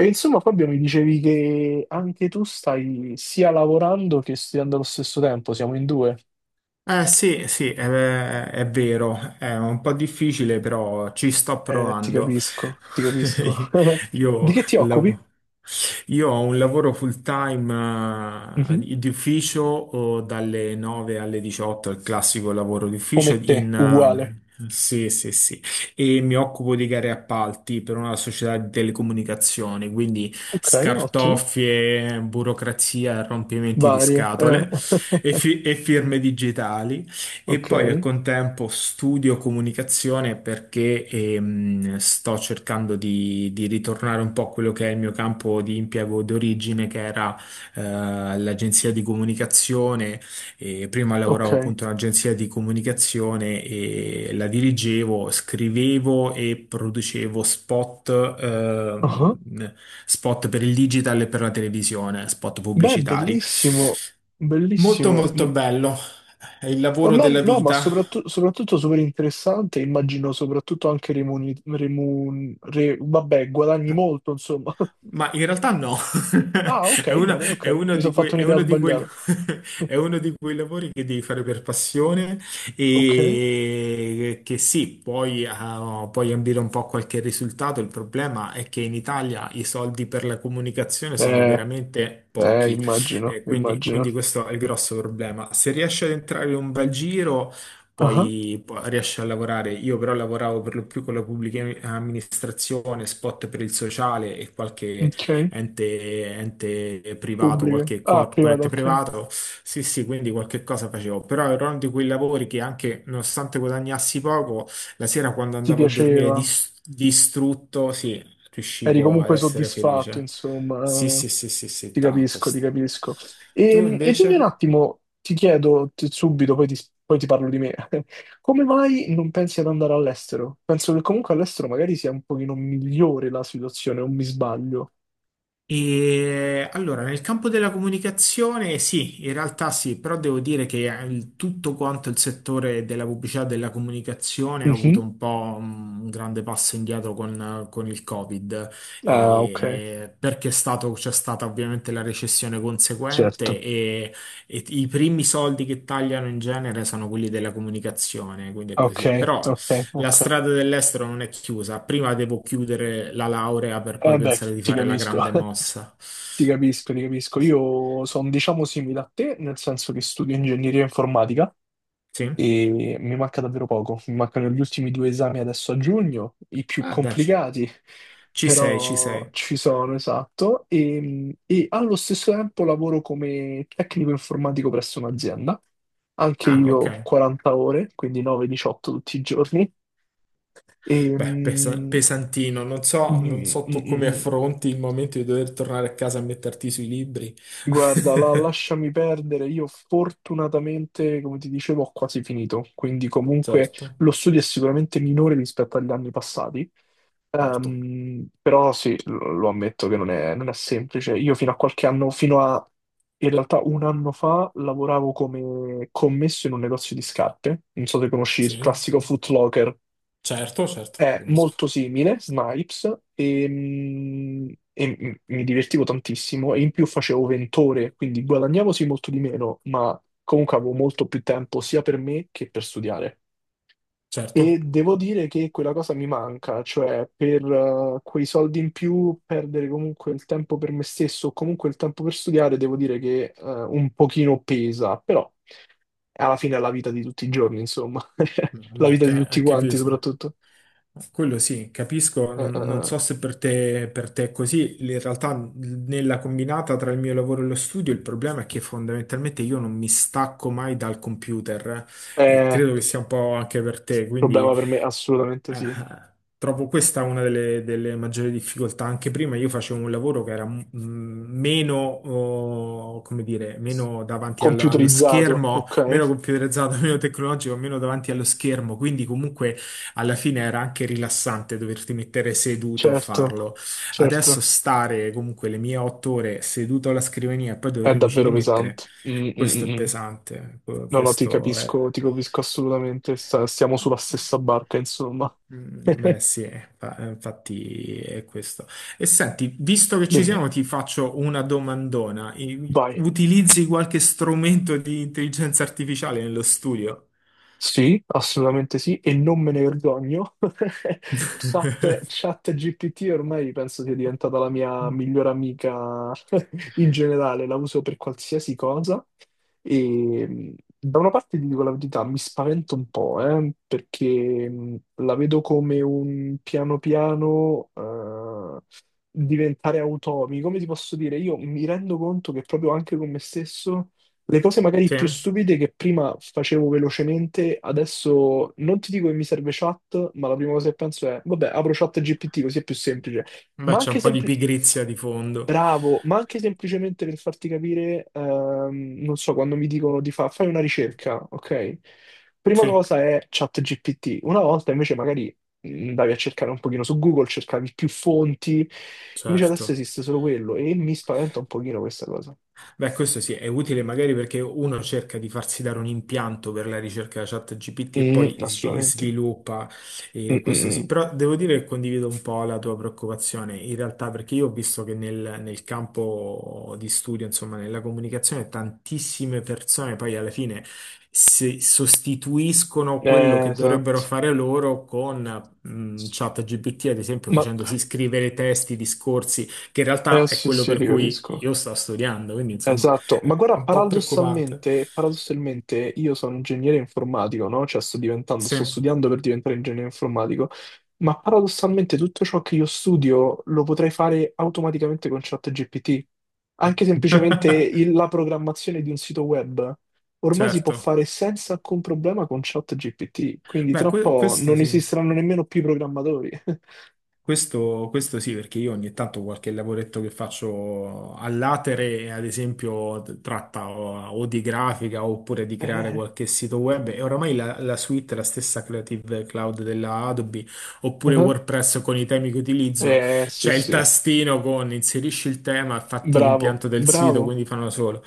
E insomma, Fabio, mi dicevi che anche tu stai sia lavorando che studiando allo stesso tempo, siamo in due. Eh sì, sì, è, è vero, è un po' difficile, però ci sto Ti provando. capisco, ti capisco. Di Io, che ti occupi? lav- io ho un lavoro full time Mhm. Di ufficio o dalle 9 alle 18, il classico lavoro di Come ufficio te, in... uguale. Sì, sì, sì, e mi occupo di gare e appalti per una società di telecomunicazioni, quindi Ok, ottimo. scartoffie, burocrazia, rompimenti di Varie. Scatole e firme digitali. E Ok, poi al contempo studio comunicazione perché sto cercando di ritornare un po' a quello che è il mio campo di impiego d'origine, che era eh, l'agenzia di comunicazione e prima ok. lavoravo appunto in un'agenzia di comunicazione e la dirigevo, scrivevo e producevo spot, Ah. Spot per il digital e per la televisione, spot Beh, pubblicitari. bellissimo, Molto bellissimo. Mm. molto bello, è il lavoro della No, ma vita. soprattutto, soprattutto super interessante, immagino soprattutto anche vabbè, guadagni molto, insomma. Ma in realtà no, Ah, ok, bene, ok. Mi sono fatto è un'idea uno di quei- sbagliata. è uno di quei lavori che devi fare per passione Ok. e che sì, puoi, puoi ambire un po' a qualche risultato. Il problema è che in Italia i soldi per la comunicazione sono Eh, veramente pochi. immagino, immagino. Quindi questo è il grosso problema. Se riesci ad entrare in un bel giro Ah, riesce a lavorare. Io però lavoravo per lo più con la pubblica amministrazione, spot per il sociale e qualche ok. Ente privato, Pubblica. qualche Ah, privata, corporate ok. privato. Sì, sì, quindi qualche cosa facevo. Però era uno di quei lavori che anche nonostante guadagnassi poco, la sera quando Ti andavo a dormire piaceva. Distrutto, sì, Eri riuscivo ad comunque essere soddisfatto, felice. insomma. Sì, sì, Eh, sì, sì, sì, Ti tanto. capisco, ti capisco. Tu E dimmi un invece? attimo, subito, poi ti parlo di me. Come mai non pensi ad andare all'estero? Penso che comunque all'estero magari sia un pochino migliore la situazione, o mi sbaglio. E allora, nel campo della comunicazione, sì, in realtà sì, però devo dire che tutto quanto il settore della pubblicità e della comunicazione ha Mhm. avuto un po' un grande passo indietro con il Covid, e- Ah, ok, perché è stato- c'è stata ovviamente la recessione conseguente certo. E i primi soldi che tagliano in genere sono quelli della comunicazione, quindi è Ok, così. Però la ok. strada dell'estero non è chiusa. Prima devo chiudere la laurea per poi Eh beh, pensare di ti fare la capisco, grande mossa. ti capisco, ti capisco. Eh sì. Io sono, diciamo, simile a te, nel senso che studio ingegneria informatica Sì? e mi manca davvero poco. Mi mancano gli ultimi due esami adesso a giugno, i più Ah, dai, complicati, ci sei, ci però sei. ci sono, esatto. E allo stesso tempo lavoro come tecnico informatico presso un'azienda, anche Ah, ok. io 40 ore, quindi 9-18 tutti i giorni. E, Beh, mm, pesantino. Non so, non mm, so mm, tu come mm. affronti il momento di dover tornare a casa a metterti sui libri. Guarda, lasciami perdere, io fortunatamente, come ti dicevo, ho quasi finito, quindi comunque Certo, lo studio è sicuramente minore rispetto agli anni passati. certo. Però sì, lo ammetto che non è semplice. Io fino a qualche anno, fino a In realtà un anno fa, lavoravo come commesso in un negozio di scarpe, non so se conosci il Sì, classico Foot Locker. certo, certo, È conosco. molto simile, Snipes, e, mi divertivo tantissimo e in più facevo 20 ore, quindi guadagnavo sì molto di meno, ma comunque avevo molto più tempo sia per me che per studiare. E Certo. devo dire che quella cosa mi manca, cioè per quei soldi in più perdere comunque il tempo per me stesso o comunque il tempo per studiare, devo dire che un pochino pesa, però alla fine è la vita di tutti i giorni, insomma, A la me vita di tutti quanti capita. soprattutto. Quello sì, capisco, non, non Eh. so se per te, per te è così, in realtà nella combinata tra il mio lavoro e lo studio il problema è che fondamentalmente io non mi stacco mai dal computer e Eh, credo che sia un po' anche per te, quindi problema per me, assolutamente sì. eh, trovo questa una delle, delle maggiori difficoltà. Anche prima io facevo un lavoro che era meno, oh, come dire, meno davanti allo Computerizzato, schermo, ok? meno computerizzato, meno tecnologico, meno davanti allo schermo, quindi comunque alla fine era anche rilassante doverti mettere seduto a Certo, farlo. Adesso certo. stare comunque le mie 8 ore seduto alla scrivania e poi È dovermici davvero rimettere, pesante. Mm, mm, questo è mm, mm. pesante. No, no, Questo è... ti capisco assolutamente. Stiamo sulla stessa barca, insomma. Beh sì, infatti è questo. E senti, visto che ci Dimmi, siamo, ti faccio una domandona. Vai. Utilizzi qualche strumento di intelligenza artificiale nello studio? Sì, assolutamente sì, e non me ne vergogno. Chat GPT ormai penso sia diventata la mia migliore amica in generale, la uso per qualsiasi cosa. E da una parte ti dico la verità, mi spavento un po', perché la vedo come un piano piano diventare automi. Come ti posso dire? Io mi rendo conto che proprio anche con me stesso le cose magari Sì? più stupide che prima facevo velocemente, adesso non ti dico che mi serve chat, ma la prima cosa che penso è, vabbè, apro chat GPT così è più semplice. Beh, Ma c'è un anche po' di sempli- pigrizia di fondo. Bravo, ma anche semplicemente per farti capire, non so, quando mi dicono di fai una ricerca, ok? Prima Sì, cosa è chat GPT. Una volta invece magari andavi a cercare un pochino su Google, cercavi più fonti, invece adesso certo. esiste solo quello e mi spaventa un pochino questa cosa. Beh, questo sì, è utile magari perché uno cerca di farsi dare un impianto per la ricerca ChatGPT e Mm, poi assolutamente. sviluppa, questo sì, Mm-mm. però devo dire che condivido un po' la tua preoccupazione, in realtà perché io ho visto che nel campo di studio, insomma, nella comunicazione, tantissime persone poi alla fine si sostituiscono quello che dovrebbero Esatto. fare loro con... ChatGPT, ad esempio, Ma facendosi scrivere testi, discorsi, che in realtà è sì, quello sì, per ti cui capisco. io sto studiando, quindi insomma Esatto, ma è guarda, un po' preoccupante. paradossalmente, paradossalmente io sono ingegnere informatico, no? Cioè sto diventando, Sì, sto studiando per diventare ingegnere informatico, ma paradossalmente tutto ciò che io studio lo potrei fare automaticamente con ChatGPT. Anche semplicemente la programmazione di un sito web ormai si può certo. fare senza alcun problema con ChatGPT, quindi Beh, tra un po' questo non sì. esisteranno nemmeno più i programmatori. Questo sì, perché io ogni tanto qualche lavoretto che faccio all'atere, ad esempio, tratta o di grafica oppure di creare qualche sito web e oramai la suite, è la stessa Creative Cloud della Adobe oppure eh. WordPress con i temi che utilizzo, Eh sì, c'è il sì, tastino con inserisci il tema e fatti bravo, l'impianto del sito, bravo, quindi fanno da solo.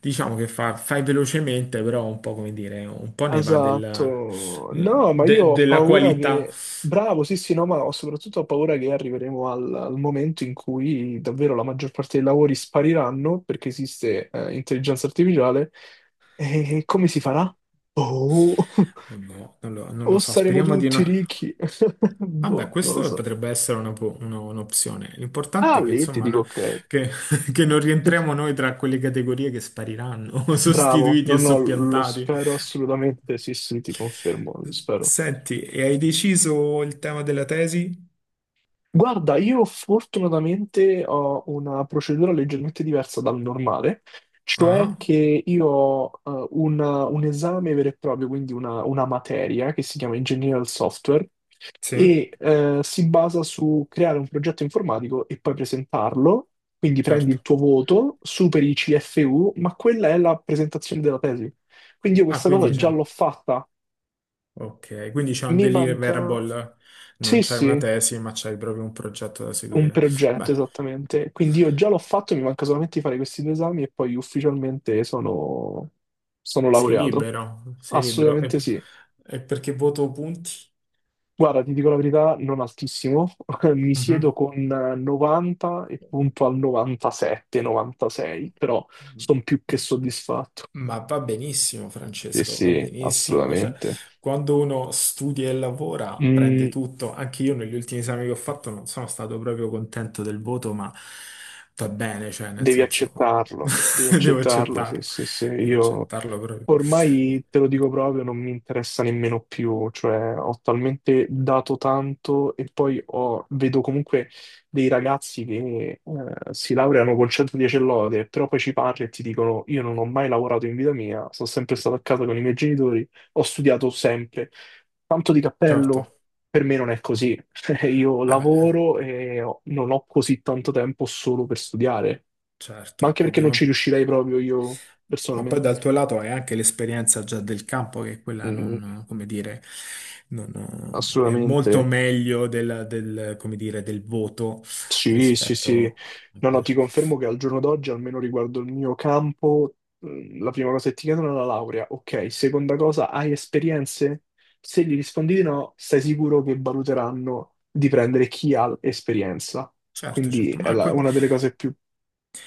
Diciamo che fai velocemente, però un po' come dire, un po' ne va della esatto. No, ma io ho della paura qualità. che... Bravo, sì, sì, no, soprattutto ho paura che arriveremo al momento in cui davvero la maggior parte dei lavori spariranno perché esiste intelligenza artificiale. E come si farà? Boh. Boh, non O lo so, saremo speriamo di tutti no. ricchi? Vabbè, Boh, non lo questo so. potrebbe essere un'opzione. Ah, L'importante è che, lì ti insomma, dico no- ok. che, che non rientriamo noi tra quelle categorie che spariranno, Bravo, sostituiti no, e no, lo soppiantati. spero assolutamente, sì, sì, ti confermo, lo spero. Senti, e hai deciso il tema della tesi? Guarda, io fortunatamente ho una procedura leggermente diversa dal normale, cioè Ah, che io ho un esame vero e proprio, quindi una materia che si chiama Engineering del Software sì, e si basa su creare un progetto informatico e poi presentarlo, quindi prendi certo. il tuo voto, superi i CFU, ma quella è la presentazione della tesi. Quindi io Ah, questa quindi cosa c'è. già l'ho fatta, Ok, quindi c'è un mi manca... deliverable, non Sì, c'è una sì. tesi, ma c'hai proprio un progetto da Un seguire. progetto, Beh. esattamente. Quindi io già l'ho fatto, mi manca solamente di fare questi due esami e poi ufficialmente sono, sono Sei laureato. libero, sei libero. Assolutamente sì. E perché voto punti? Guarda, ti dico la verità, non altissimo. Mi siedo Mhm. con 90 e punto al 97, 96, però sono più che soddisfatto. Ma va benissimo, Sì, Francesco, va sì, benissimo. Cioè, assolutamente. quando uno studia e lavora, prende Mm, tutto. Anche io negli ultimi esami che ho fatto non sono stato proprio contento del voto, ma va bene, cioè, nel senso, devi devo accettarlo, sì, accettarlo. sì, sì. Devo Io accettarlo proprio. ormai te lo dico proprio, non mi interessa nemmeno più, cioè ho talmente dato tanto e poi vedo comunque dei ragazzi che si laureano con 110 lode, però poi ci parli e ti dicono io non ho mai lavorato in vita mia, sono sempre stato a casa con i miei genitori, ho studiato sempre. Tanto di Certo, cappello, per me non è così. Io vabbè, lavoro e non ho così tanto tempo solo per studiare, ma certo, anche perché non ci ovvio. riuscirei proprio io Ma poi personalmente. dal tuo lato hai anche l'esperienza già del campo, che quella Mm. non, come dire, non, è molto Assolutamente. meglio del, come dire, del voto Sì, sì, sì. rispetto a No, no, quello. ti confermo che al giorno d'oggi, almeno riguardo il mio campo, la prima cosa che ti chiedono è la laurea. Ok, seconda cosa, hai esperienze? Se gli rispondi di no, stai sicuro che valuteranno di prendere chi ha esperienza. Certo, Quindi certo, è Marco. una delle cose più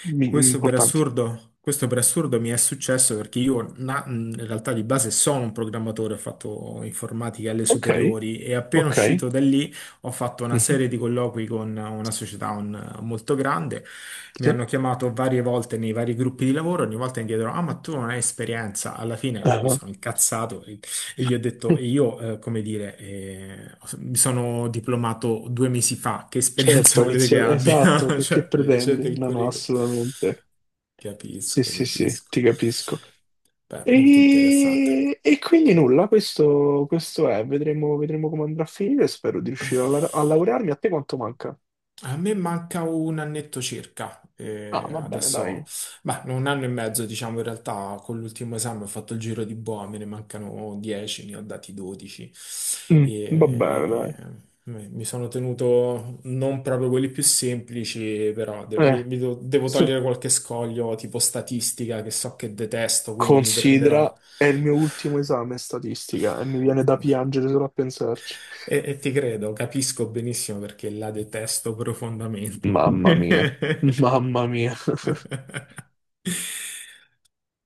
importanti. Questo per assurdo mi è successo perché io in realtà di base sono un programmatore, ho fatto informatica alle Ok, superiori e appena ok. uscito da lì ho fatto una Mhm, serie di colloqui con una società molto grande, mi sì. hanno chiamato varie volte nei vari gruppi di lavoro, ogni volta mi chiedono, ah ma tu non hai esperienza, alla fine mi Ah, sono incazzato e gli ho detto, e io, come dire, mi sono diplomato 2 mesi fa, che certo, esperienza ho volete che iniziato, esatto, abbia? Che Cioè, leggete pretendi? il No, no, curriculum. assolutamente. Sì, Capisco, sì, sì, capisco. ti capisco. Beh, molto interessante. E quindi nulla, questo è, vedremo, vedremo come andrà a finire, spero di riuscire a, a laurearmi. A te quanto manca? A me manca un annetto circa, Ah, va bene, adesso, dai. beh, no, 1 anno e mezzo diciamo in realtà, con l'ultimo esame ho fatto il giro di boa, me ne mancano 10, ne ho dati 12 Mm, va bene, dai. mi sono tenuto non proprio quelli più semplici, però Eh, devo sì. togliere qualche scoglio tipo statistica che so che detesto, quindi mi Considera, prenderò è il mio ultimo esame statistica e mi viene da piangere solo a pensarci. E ti credo, capisco benissimo perché la detesto profondamente. Mamma mia, mamma mia. Eh,